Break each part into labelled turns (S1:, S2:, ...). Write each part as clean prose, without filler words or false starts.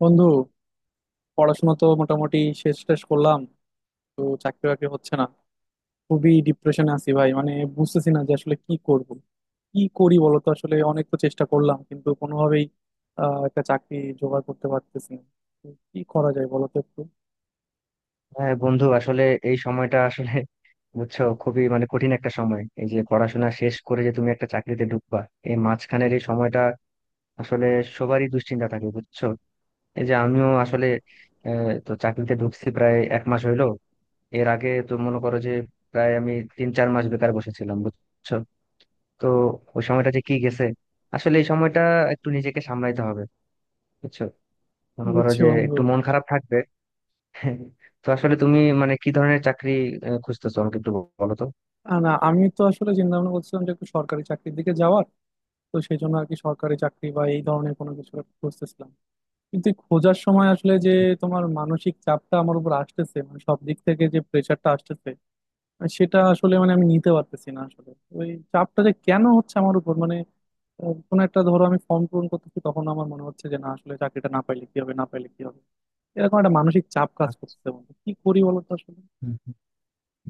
S1: বন্ধু, পড়াশোনা তো মোটামুটি শেষ, টেস করলাম। তো চাকরি বাকরি হচ্ছে না। খুবই ডিপ্রেশনে আছি ভাই, বুঝতেছি না যে আসলে কি করব। কি করি বলতো, আসলে অনেক তো চেষ্টা করলাম কিন্তু কোনোভাবেই একটা চাকরি জোগাড় করতে পারতেছি না। তো কি করা যায় বলতো একটু?
S2: হ্যাঁ বন্ধু, আসলে এই সময়টা আসলে বুঝছো খুবই মানে কঠিন একটা সময়। এই যে পড়াশোনা শেষ করে যে তুমি একটা চাকরিতে ঢুকবা, এই মাঝখানের এই সময়টা আসলে সবারই দুশ্চিন্তা থাকে, বুঝছো। এই যে আমিও আসলে তো চাকরিতে ঢুকছি প্রায় এক মাস হইলো। এর আগে তো মনে করো যে, প্রায় আমি তিন চার মাস বেকার বসেছিলাম, বুঝছো। তো ওই সময়টা যে কি গেছে! আসলে এই সময়টা একটু নিজেকে সামলাইতে হবে, বুঝছো। মনে করো
S1: বুঝছি
S2: যে
S1: বন্ধু।
S2: একটু মন খারাপ থাকবে। তো আসলে তুমি মানে কি ধরনের চাকরি খুঁজতেছো আমাকে একটু বলো তো।
S1: না, আমি তো আসলে চিন্তা ভাবনা করছিলাম যে একটু সরকারি চাকরির দিকে যাওয়ার। তো সেই জন্য আর কি সরকারি চাকরি বা এই ধরনের কোনো কিছু একটা খুঁজতেছিলাম। কিন্তু এই খোঁজার সময় আসলে যে তোমার মানসিক চাপটা আমার উপর আসতেছে, সব দিক থেকে যে প্রেশারটা আসতেছে, আর সেটা আসলে আমি নিতে পারতেছি না আসলে। ওই চাপটা যে কেন হচ্ছে আমার উপর মানে, কোনো একটা, ধরো আমি ফর্ম পূরণ করতেছি, তখন আমার মনে হচ্ছে যে না, আসলে চাকরিটা না পাইলে কি হবে, না পাইলে কি হবে। এরকম একটা মানসিক চাপ কাজ করতেছে বন্ধু, কি করি বলো তো আসলে?
S2: হুম, হুম।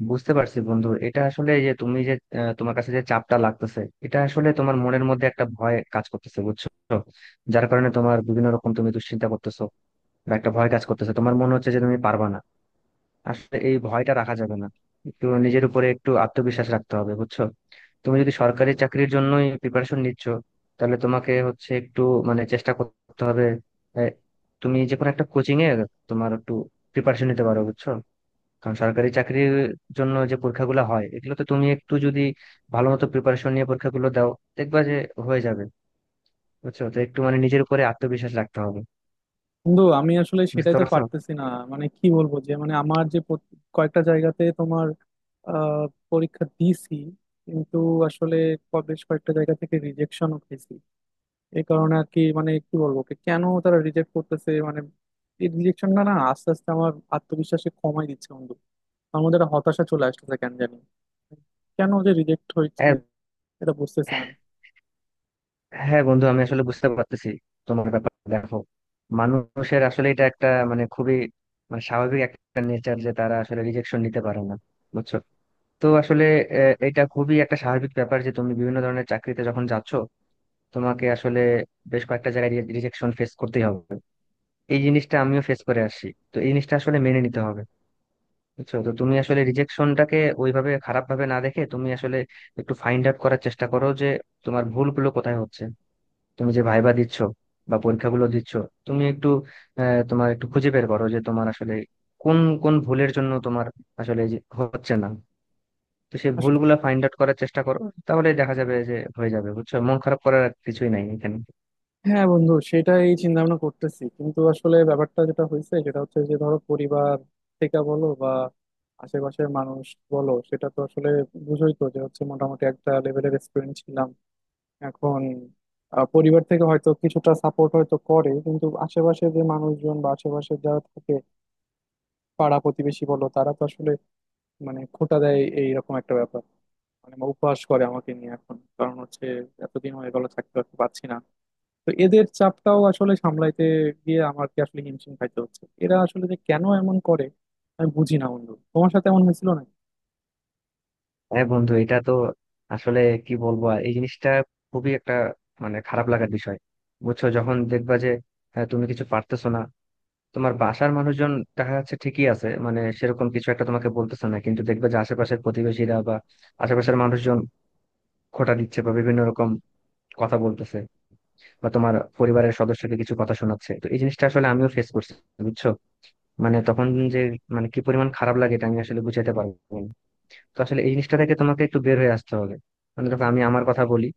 S2: বুঝতে পারছি বন্ধু, এটা আসলে এই যে তুমি যে তোমার কাছে যে চাপটা লাগতেছে, এটা আসলে তোমার মনের মধ্যে একটা ভয় কাজ করতেছে, বুঝছো। যার কারণে তোমার বিভিন্ন রকম তুমি দুশ্চিন্তা করতেছো বা একটা ভয় কাজ করতেছে, তোমার মনে হচ্ছে যে তুমি পারবা না। আসলে এই ভয়টা রাখা যাবে না। একটু নিজের উপরে একটু আত্মবিশ্বাস রাখতে হবে, বুঝছো। তুমি যদি সরকারি চাকরির জন্যই প্রিপারেশন নিচ্ছ, তাহলে তোমাকে হচ্ছে একটু মানে চেষ্টা করতে হবে। এ, তুমি যে কোনো একটা কোচিং এ তোমার একটু প্রিপারেশন নিতে পারো, বুঝছো। কারণ সরকারি চাকরির জন্য যে পরীক্ষাগুলো হয়, এগুলো তো তুমি একটু যদি ভালো মতো প্রিপারেশন নিয়ে পরীক্ষাগুলো দাও, দেখবা যে হয়ে যাবে। বুঝছো, তো একটু মানে নিজের উপরে আত্মবিশ্বাস রাখতে হবে।
S1: বন্ধু, আমি আসলে
S2: বুঝতে
S1: সেটাই তো
S2: পারছো?
S1: পারতেছি না। কি বলবো, যে মানে আমার যে কয়েকটা জায়গাতে তোমার আহ পরীক্ষা দিছি কিন্তু আসলে বেশ কয়েকটা জায়গা থেকে রিজেকশনও খেয়েছি। এই কারণে আর কি, কি বলবো, কি কেন তারা রিজেক্ট করতেছে মানে। এই রিজেকশনটা না আস্তে আস্তে আমার আত্মবিশ্বাসে কমাই দিচ্ছে বন্ধু। আমার মধ্যে একটা হতাশা চলে আসতেছে কেন জানি। কেন যে রিজেক্ট হয়েছি
S2: হ্যাঁ,
S1: এটা বুঝতেছি না
S2: হ্যাঁ বন্ধু, আমি আসলে বুঝতে পারতেছি তোমার ব্যাপার। দেখো, মানুষের আসলে এটা একটা মানে খুবই মানে স্বাভাবিক একটা নেচার যে তারা আসলে রিজেকশন নিতে পারে না, বুঝছো। তো আসলে এটা খুবই একটা স্বাভাবিক ব্যাপার যে তুমি বিভিন্ন ধরনের চাকরিতে যখন যাচ্ছ, তোমাকে আসলে বেশ কয়েকটা জায়গায় রিজেকশন ফেস করতেই হবে। এই জিনিসটা আমিও ফেস করে আসছি। তো এই জিনিসটা আসলে মেনে নিতে হবে, বুঝছো। তো তুমি আসলে রিজেকশনটাকে ওইভাবে খারাপ ভাবে না দেখে, তুমি আসলে একটু ফাইন্ড আউট করার চেষ্টা করো যে তোমার ভুলগুলো কোথায় হচ্ছে। তুমি যে ভাইবা দিচ্ছ বা পরীক্ষাগুলো দিচ্ছ, তুমি একটু তোমার একটু খুঁজে বের করো যে তোমার আসলে কোন কোন ভুলের জন্য তোমার আসলে যে হচ্ছে না। তো সেই
S1: আসলে।
S2: ভুলগুলা ফাইন্ড আউট করার চেষ্টা করো, তাহলে দেখা যাবে যে হয়ে যাবে। বুঝছো, মন খারাপ করার আর কিছুই নাই এখানে।
S1: হ্যাঁ বন্ধু, সেটাই চিন্তা ভাবনা করতেছি। কিন্তু আসলে ব্যাপারটা যেটা হয়েছে সেটা হচ্ছে যে ধরো পরিবার থেকে বলো বা আশেপাশের মানুষ বলো, সেটা তো আসলে বুঝোই তো, যে হচ্ছে মোটামুটি একটা লেভেলের এক্সপিরিয়েন্স ছিলাম এখন। পরিবার থেকে হয়তো কিছুটা সাপোর্ট হয়তো করে, কিন্তু আশেপাশে যে মানুষজন বা আশেপাশে যারা থাকে, পাড়া প্রতিবেশী বলো, তারা তো আসলে খোঁটা দেয়, এইরকম একটা ব্যাপার। উপহাস করে আমাকে নিয়ে এখন। কারণ হচ্ছে এতদিন হয়ে গেল থাকতে পারছি না। তো এদের চাপটাও আসলে সামলাইতে গিয়ে আমাকে আসলে হিমশিম খাইতে হচ্ছে। এরা আসলে যে কেন এমন করে আমি বুঝি না বন্ধু। তোমার সাথে এমন হয়েছিল না?
S2: হ্যাঁ বন্ধু, এটা তো আসলে কি বলবো আর, এই জিনিসটা খুবই একটা মানে খারাপ লাগার বিষয়, বুঝছো। যখন দেখবা যে তুমি কিছু পারতেছো না, তোমার বাসার মানুষজন দেখা যাচ্ছে ঠিকই আছে, মানে সেরকম কিছু একটা তোমাকে বলতেছে না, কিন্তু দেখবে যে আশেপাশের প্রতিবেশীরা বা আশেপাশের মানুষজন খোঁটা দিচ্ছে বা বিভিন্ন রকম কথা বলতেছে, বা তোমার পরিবারের সদস্যকে কিছু কথা শোনাচ্ছে। তো এই জিনিসটা আসলে আমিও ফেস করছি, বুঝছো। মানে তখন যে মানে কি পরিমাণ খারাপ লাগে, এটা আমি আসলে বুঝাতে পারবো না। তো আসলে এই জিনিসটা থেকে তোমাকে একটু বের হয়ে আসতে হবে। মানে দেখো, আমি আমার কথা বলি।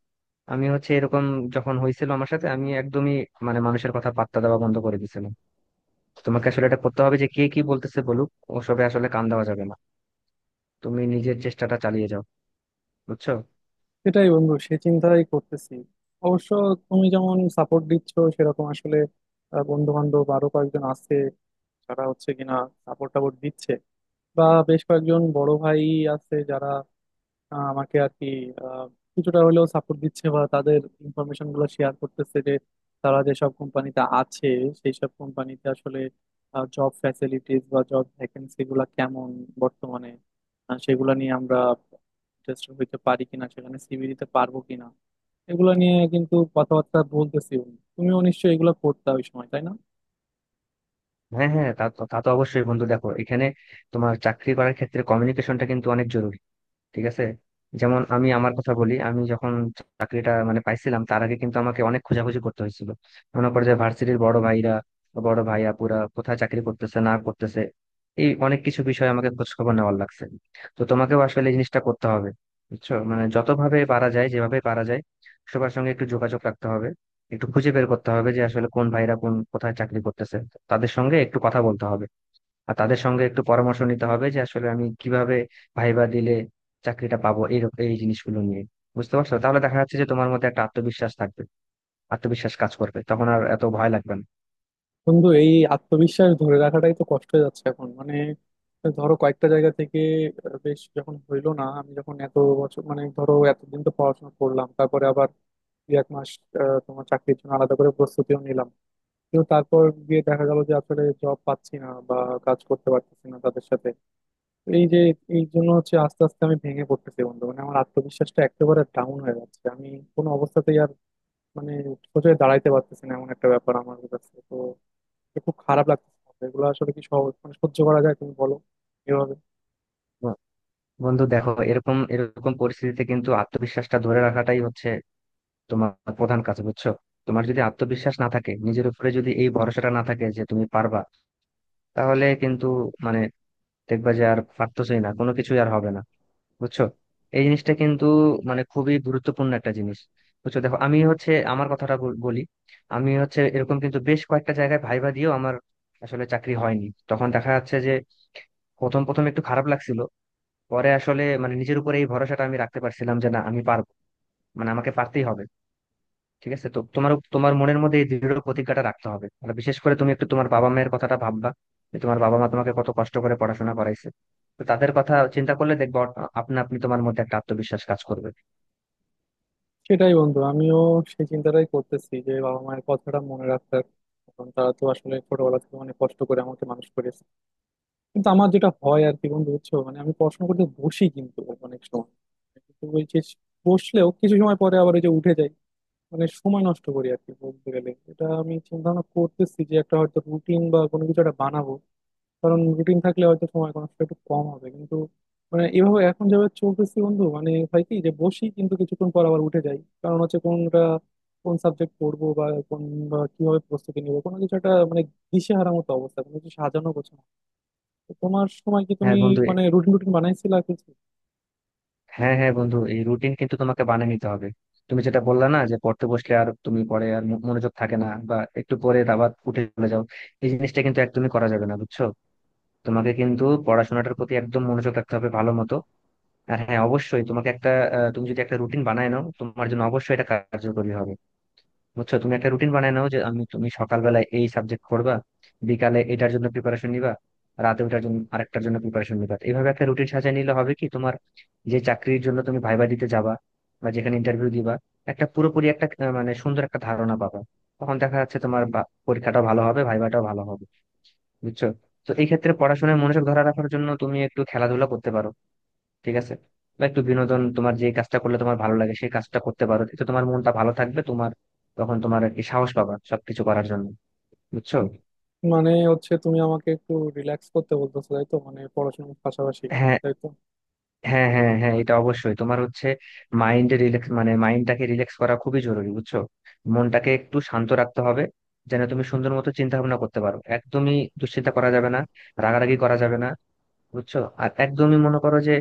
S2: আমি হচ্ছে এরকম, যখন হয়েছিল আমার সাথে, আমি একদমই মানে মানুষের কথা পাত্তা দেওয়া বন্ধ করে দিয়েছিলাম। তো তোমাকে আসলে এটা করতে হবে যে কে কি বলতেছে বলুক, ওসবে আসলে কান দেওয়া যাবে না। তুমি নিজের চেষ্টাটা চালিয়ে যাও, বুঝছো।
S1: সেটাই বন্ধু, সে চিন্তাই করতেছি অবশ্য। তুমি যেমন সাপোর্ট দিচ্ছ, সেরকম আসলে বন্ধু বান্ধব আরো কয়েকজন আছে যারা হচ্ছে কিনা সাপোর্ট টাপোর্ট দিচ্ছে। বা বেশ কয়েকজন বড় ভাই আছে যারা আমাকে আর কি আহ, কিছুটা হলেও সাপোর্ট দিচ্ছে বা তাদের ইনফরমেশন গুলো শেয়ার করতেছে যে তারা যেসব কোম্পানিতে আছে, সেই সব কোম্পানিতে আসলে জব ফ্যাসিলিটিস বা জব ভ্যাকেন্সি গুলা কেমন বর্তমানে, সেগুলা নিয়ে আমরা ইন্টারেস্টেড হইতে পারি কিনা, সেখানে সিভি দিতে পারবো কিনা, এগুলা নিয়ে কিন্তু কথাবার্তা বলতেছি। তুমিও নিশ্চয়ই এগুলো করতে ওই সময়, তাই না?
S2: হ্যাঁ, হ্যাঁ, তা তো তা তো অবশ্যই বন্ধু। দেখো, এখানে তোমার চাকরি করার ক্ষেত্রে কমিউনিকেশনটা কিন্তু অনেক জরুরি, ঠিক আছে? যেমন আমি আমার কথা বলি, আমি যখন চাকরিটা মানে পাইছিলাম, তার আগে কিন্তু আমাকে অনেক খোঁজাখুঁজি করতে হয়েছিল। মনে করে যে ভার্সিটির বড় ভাইরা বড় ভাইয়া পুরা কোথায় চাকরি করতেছে না করতেছে, এই অনেক কিছু বিষয়ে আমাকে খোঁজ খবর নেওয়ার লাগছে। তো তোমাকেও আসলে এই জিনিসটা করতে হবে, বুঝছো। মানে যতভাবে পারা যায় যেভাবে পারা যায়, সবার সঙ্গে একটু যোগাযোগ রাখতে হবে। একটু খুঁজে বের করতে হবে যে আসলে কোন ভাইরা কোন কোথায় চাকরি করতেছে, তাদের সঙ্গে একটু কথা বলতে হবে। আর তাদের সঙ্গে একটু পরামর্শ নিতে হবে যে আসলে আমি কিভাবে ভাইবা দিলে চাকরিটা পাবো, এই এই জিনিসগুলো নিয়ে। বুঝতে পারছো? তাহলে দেখা যাচ্ছে যে তোমার মধ্যে একটা আত্মবিশ্বাস থাকবে, আত্মবিশ্বাস কাজ করবে, তখন আর এত ভয় লাগবে না।
S1: বন্ধু, এই আত্মবিশ্বাস ধরে রাখাটাই তো কষ্ট হয়ে যাচ্ছে এখন। ধরো কয়েকটা জায়গা থেকে বেশ যখন হইলো না, আমি যখন এত বছর, ধরো এতদিন তো পড়াশোনা করলাম, তারপরে আবার দুই এক মাস তোমার চাকরির জন্য আলাদা করে প্রস্তুতিও নিলাম। কিন্তু তারপর গিয়ে দেখা গেল যে আসলে জব পাচ্ছি না বা কাজ করতে পারতেছি না তাদের সাথে। তো এই যে এই জন্য হচ্ছে আস্তে আস্তে আমি ভেঙে পড়তেছি বন্ধু। আমার আত্মবিশ্বাসটা একেবারে ডাউন হয়ে যাচ্ছে। আমি কোনো অবস্থাতেই আর মানে সোজা দাঁড়াইতে পারতেছি না, এমন একটা ব্যাপার। আমার কাছে তো খুব খারাপ লাগছে। এগুলো আসলে কি সহজ, মানে সহ্য করা যায় তুমি বলো এভাবে?
S2: তো বন্ধু দেখো, এরকম এরকম পরিস্থিতিতে কিন্তু আত্মবিশ্বাসটা ধরে রাখাটাই হচ্ছে তোমার প্রধান কাজ, বুঝছো। তোমার যদি আত্মবিশ্বাস না থাকে, নিজের উপরে যদি এই ভরসাটা না থাকে যে তুমি পারবা, তাহলে কিন্তু মানে দেখবা যে আর পারতেছই না, কোনো কিছুই আর হবে না, বুঝছো। এই জিনিসটা কিন্তু মানে খুবই গুরুত্বপূর্ণ একটা জিনিস। বুঝছো, দেখো আমি হচ্ছে আমার কথাটা বলি। আমি হচ্ছে এরকম, কিন্তু বেশ কয়েকটা জায়গায় ভাইবা দিয়েও আমার আসলে চাকরি হয়নি। তখন দেখা যাচ্ছে যে প্রথম প্রথম একটু খারাপ লাগছিল, পরে আসলে মানে নিজের উপরে এই ভরসাটা আমি রাখতে পারছিলাম যে না, আমি পারবো, মানে আমাকে পারতেই হবে। ঠিক আছে, তো তোমার তোমার মনের মধ্যে এই দৃঢ় প্রতিজ্ঞাটা রাখতে হবে। আর বিশেষ করে তুমি একটু তোমার বাবা মায়ের কথাটা ভাববা, যে তোমার বাবা মা তোমাকে কত কষ্ট করে পড়াশোনা করাইছে। তো তাদের কথা চিন্তা করলে দেখবো আপনা আপনি তোমার মধ্যে একটা আত্মবিশ্বাস কাজ করবে।
S1: সেটাই বন্ধু, আমিও সেই চিন্তাটাই করতেছি যে বাবা মায়ের কথাটা মনে রাখার। কারণ তারা তো আসলে ছোটবেলা থেকে অনেক কষ্ট করে আমাকে মানুষ করেছে। কিন্তু আমার যেটা হয় আর কি বন্ধু, বুঝছো, মানে আমি পড়াশোনা করতে বসি কিন্তু অনেক সময় কিন্তু ওই যে বসলেও কিছু সময় পরে আবার ওই যে উঠে যাই। মানে সময় নষ্ট করি আর কি, বলতে গেলে। এটা আমি চিন্তা ভাবনা করতেছি যে একটা হয়তো রুটিন বা কোনো কিছু একটা বানাবো। কারণ রুটিন থাকলে হয়তো সময় কনস্ট একটু কম হবে। কিন্তু এভাবে এখন যেভাবে চলতেছি বন্ধু, মানে হয় কি যে বসি কিন্তু কিছুক্ষণ পর আবার উঠে যাই। কারণ হচ্ছে কোনটা, কোন সাবজেক্ট পড়বো, বা কোন বা কিভাবে প্রস্তুতি নেবো কোনো কিছু একটা মানে দিশেহারা মতো অবস্থা, কোনো কিছু সাজানো গোছানো। তো তোমার সময় কি তুমি
S2: হ্যাঁ বন্ধু,
S1: রুটিন রুটিন বানাইছিলা কিছু?
S2: হ্যাঁ হ্যাঁ বন্ধু, এই রুটিন কিন্তু তোমাকে বানিয়ে নিতে হবে। তুমি যেটা বললা না, যে পড়তে বসলে আর তুমি পরে আর মনোযোগ থাকে না বা একটু পরে আবার উঠে চলে যাও, এই জিনিসটা কিন্তু একদমই করা যাবে না, বুঝছো। তোমাকে কিন্তু পড়াশোনাটার প্রতি একদম মনোযোগ রাখতে হবে ভালো মতো। আর হ্যাঁ, অবশ্যই তোমাকে একটা তুমি যদি একটা রুটিন বানায় নাও, তোমার জন্য অবশ্যই এটা কার্যকরী হবে, বুঝছো। তুমি একটা রুটিন বানায় নাও যে আমি তুমি সকালবেলায় এই সাবজেক্ট করবা, বিকালে এটার জন্য প্রিপারেশন নিবা, রাতে ওটার জন্য আরেকটার জন্য প্রিপারেশন নিবা। এইভাবে একটা রুটিন সাজিয়ে নিলে হবে কি, তোমার যে চাকরির জন্য তুমি ভাইবা দিতে যাবা বা যেখানে ইন্টারভিউ দিবা, একটা পুরোপুরি একটা মানে সুন্দর একটা ধারণা পাবা। তখন দেখা যাচ্ছে তোমার পরীক্ষাটাও ভালো হবে, ভাইবাটাও ভালো হবে, বুঝছো। তো এই ক্ষেত্রে পড়াশোনায় মনোযোগ ধরে রাখার জন্য তুমি একটু খেলাধুলা করতে পারো, ঠিক আছে? বা একটু বিনোদন, তোমার যে কাজটা করলে তোমার ভালো লাগে সেই কাজটা করতে পারো, এতে তোমার মনটা ভালো থাকবে। তোমার তখন তোমার আর কি সাহস পাবা সবকিছু করার জন্য, বুঝছো।
S1: মানে হচ্ছে তুমি আমাকে একটু রিল্যাক্স করতে বলতেছো তাই তো, মানে পড়াশোনার পাশাপাশি?
S2: হ্যাঁ,
S1: তাই তো?
S2: হ্যাঁ, হ্যাঁ, হ্যাঁ, এটা অবশ্যই তোমার হচ্ছে মাইন্ডে রিল্যাক্স, মানে মাইন্ডটাকে রিল্যাক্স করা খুবই জরুরি, বুঝছো। মনটাকে একটু শান্ত রাখতে হবে, যেন তুমি সুন্দর মতো চিন্তা ভাবনা করতে পারো। একদমই দুশ্চিন্তা করা যাবে না, রাগারাগি করা যাবে না, বুঝছো। আর একদমই মনে করো যে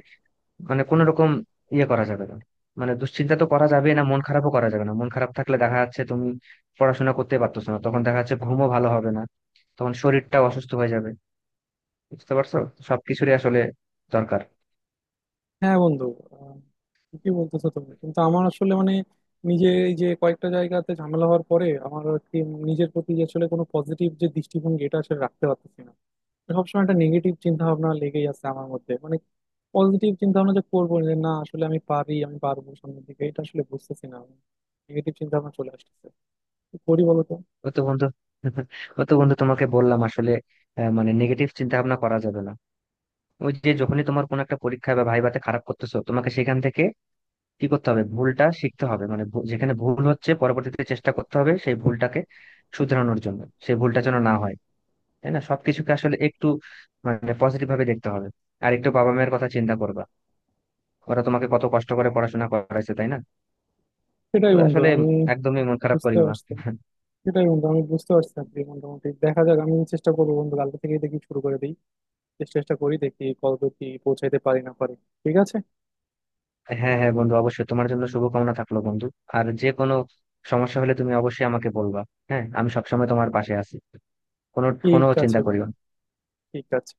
S2: মানে কোনো রকম ইয়ে করা যাবে না। মানে দুশ্চিন্তা তো করা যাবে না, মন খারাপও করা যাবে না। মন খারাপ থাকলে দেখা যাচ্ছে তুমি পড়াশোনা করতে পারতেছো না, তখন দেখা যাচ্ছে ঘুমও ভালো হবে না, তখন শরীরটাও অসুস্থ হয়ে যাবে। বুঝতে পারছো, সবকিছুরই আসলে দরকার।
S1: হ্যাঁ বন্ধু, আহ, ঠিকই বলতেছো তুমি। কিন্তু আমার আসলে মানে নিজে এই যে কয়েকটা জায়গাতে ঝামেলা হওয়ার পরে আমার আর কি নিজের প্রতি যে আসলে কোনো পজিটিভ যে দৃষ্টিভঙ্গি, এটা আসলে রাখতে পারতেছি না। সবসময় একটা নেগেটিভ চিন্তা ভাবনা লেগেই আছে আমার মধ্যে। পজিটিভ চিন্তা ভাবনা যে করবো, যে না আসলে আমি পারি, আমি পারবো সামনের দিকে, এটা আসলে বুঝতেছি না আমি। নেগেটিভ চিন্তা ভাবনা চলে আসতেছে। কি করি বলো তো?
S2: ও তো বন্ধু, ও তো বন্ধু তোমাকে বললাম আসলে মানে নেগেটিভ চিন্তা ভাবনা করা যাবে না। ওই যে যখনই তোমার কোনো একটা পরীক্ষায় বা ভাইভাতে খারাপ করতেছো, তোমাকে সেখান থেকে কি করতে হবে, ভুলটা শিখতে হবে, মানে যেখানে ভুল হচ্ছে পরবর্তীতে চেষ্টা করতে হবে সেই ভুলটাকে শুধরানোর জন্য, সেই ভুলটা যেন না হয়, তাই না? সবকিছুকে আসলে একটু মানে পজিটিভ ভাবে দেখতে হবে। আর একটু বাবা মায়ের কথা চিন্তা করবা, ওরা তোমাকে কত কষ্ট করে পড়াশোনা করাইছে, তাই না? তো
S1: সেটাই বন্ধু
S2: আসলে
S1: আমি
S2: একদমই মন খারাপ
S1: বুঝতে
S2: করিও না।
S1: পারছি সেটাই বন্ধু, আমি বুঝতে পারছি আর কি। মোটামুটি দেখা যাক, আমি চেষ্টা করবো বন্ধু। কালকে থেকে দেখি শুরু করে দিই, চেষ্টা টেষ্টা করি, দেখি কতদূর কি পৌঁছাইতে পারি না পারি। ঠিক আছে।
S2: হ্যাঁ, হ্যাঁ বন্ধু, অবশ্যই তোমার জন্য শুভকামনা থাকলো বন্ধু। আর যে কোনো সমস্যা হলে তুমি অবশ্যই আমাকে বলবা। হ্যাঁ, আমি সবসময় তোমার পাশে আছি। কোনো কোনো
S1: ঠিক আছে
S2: চিন্তা করিও
S1: বন্ধু,
S2: না।
S1: ঠিক আছে।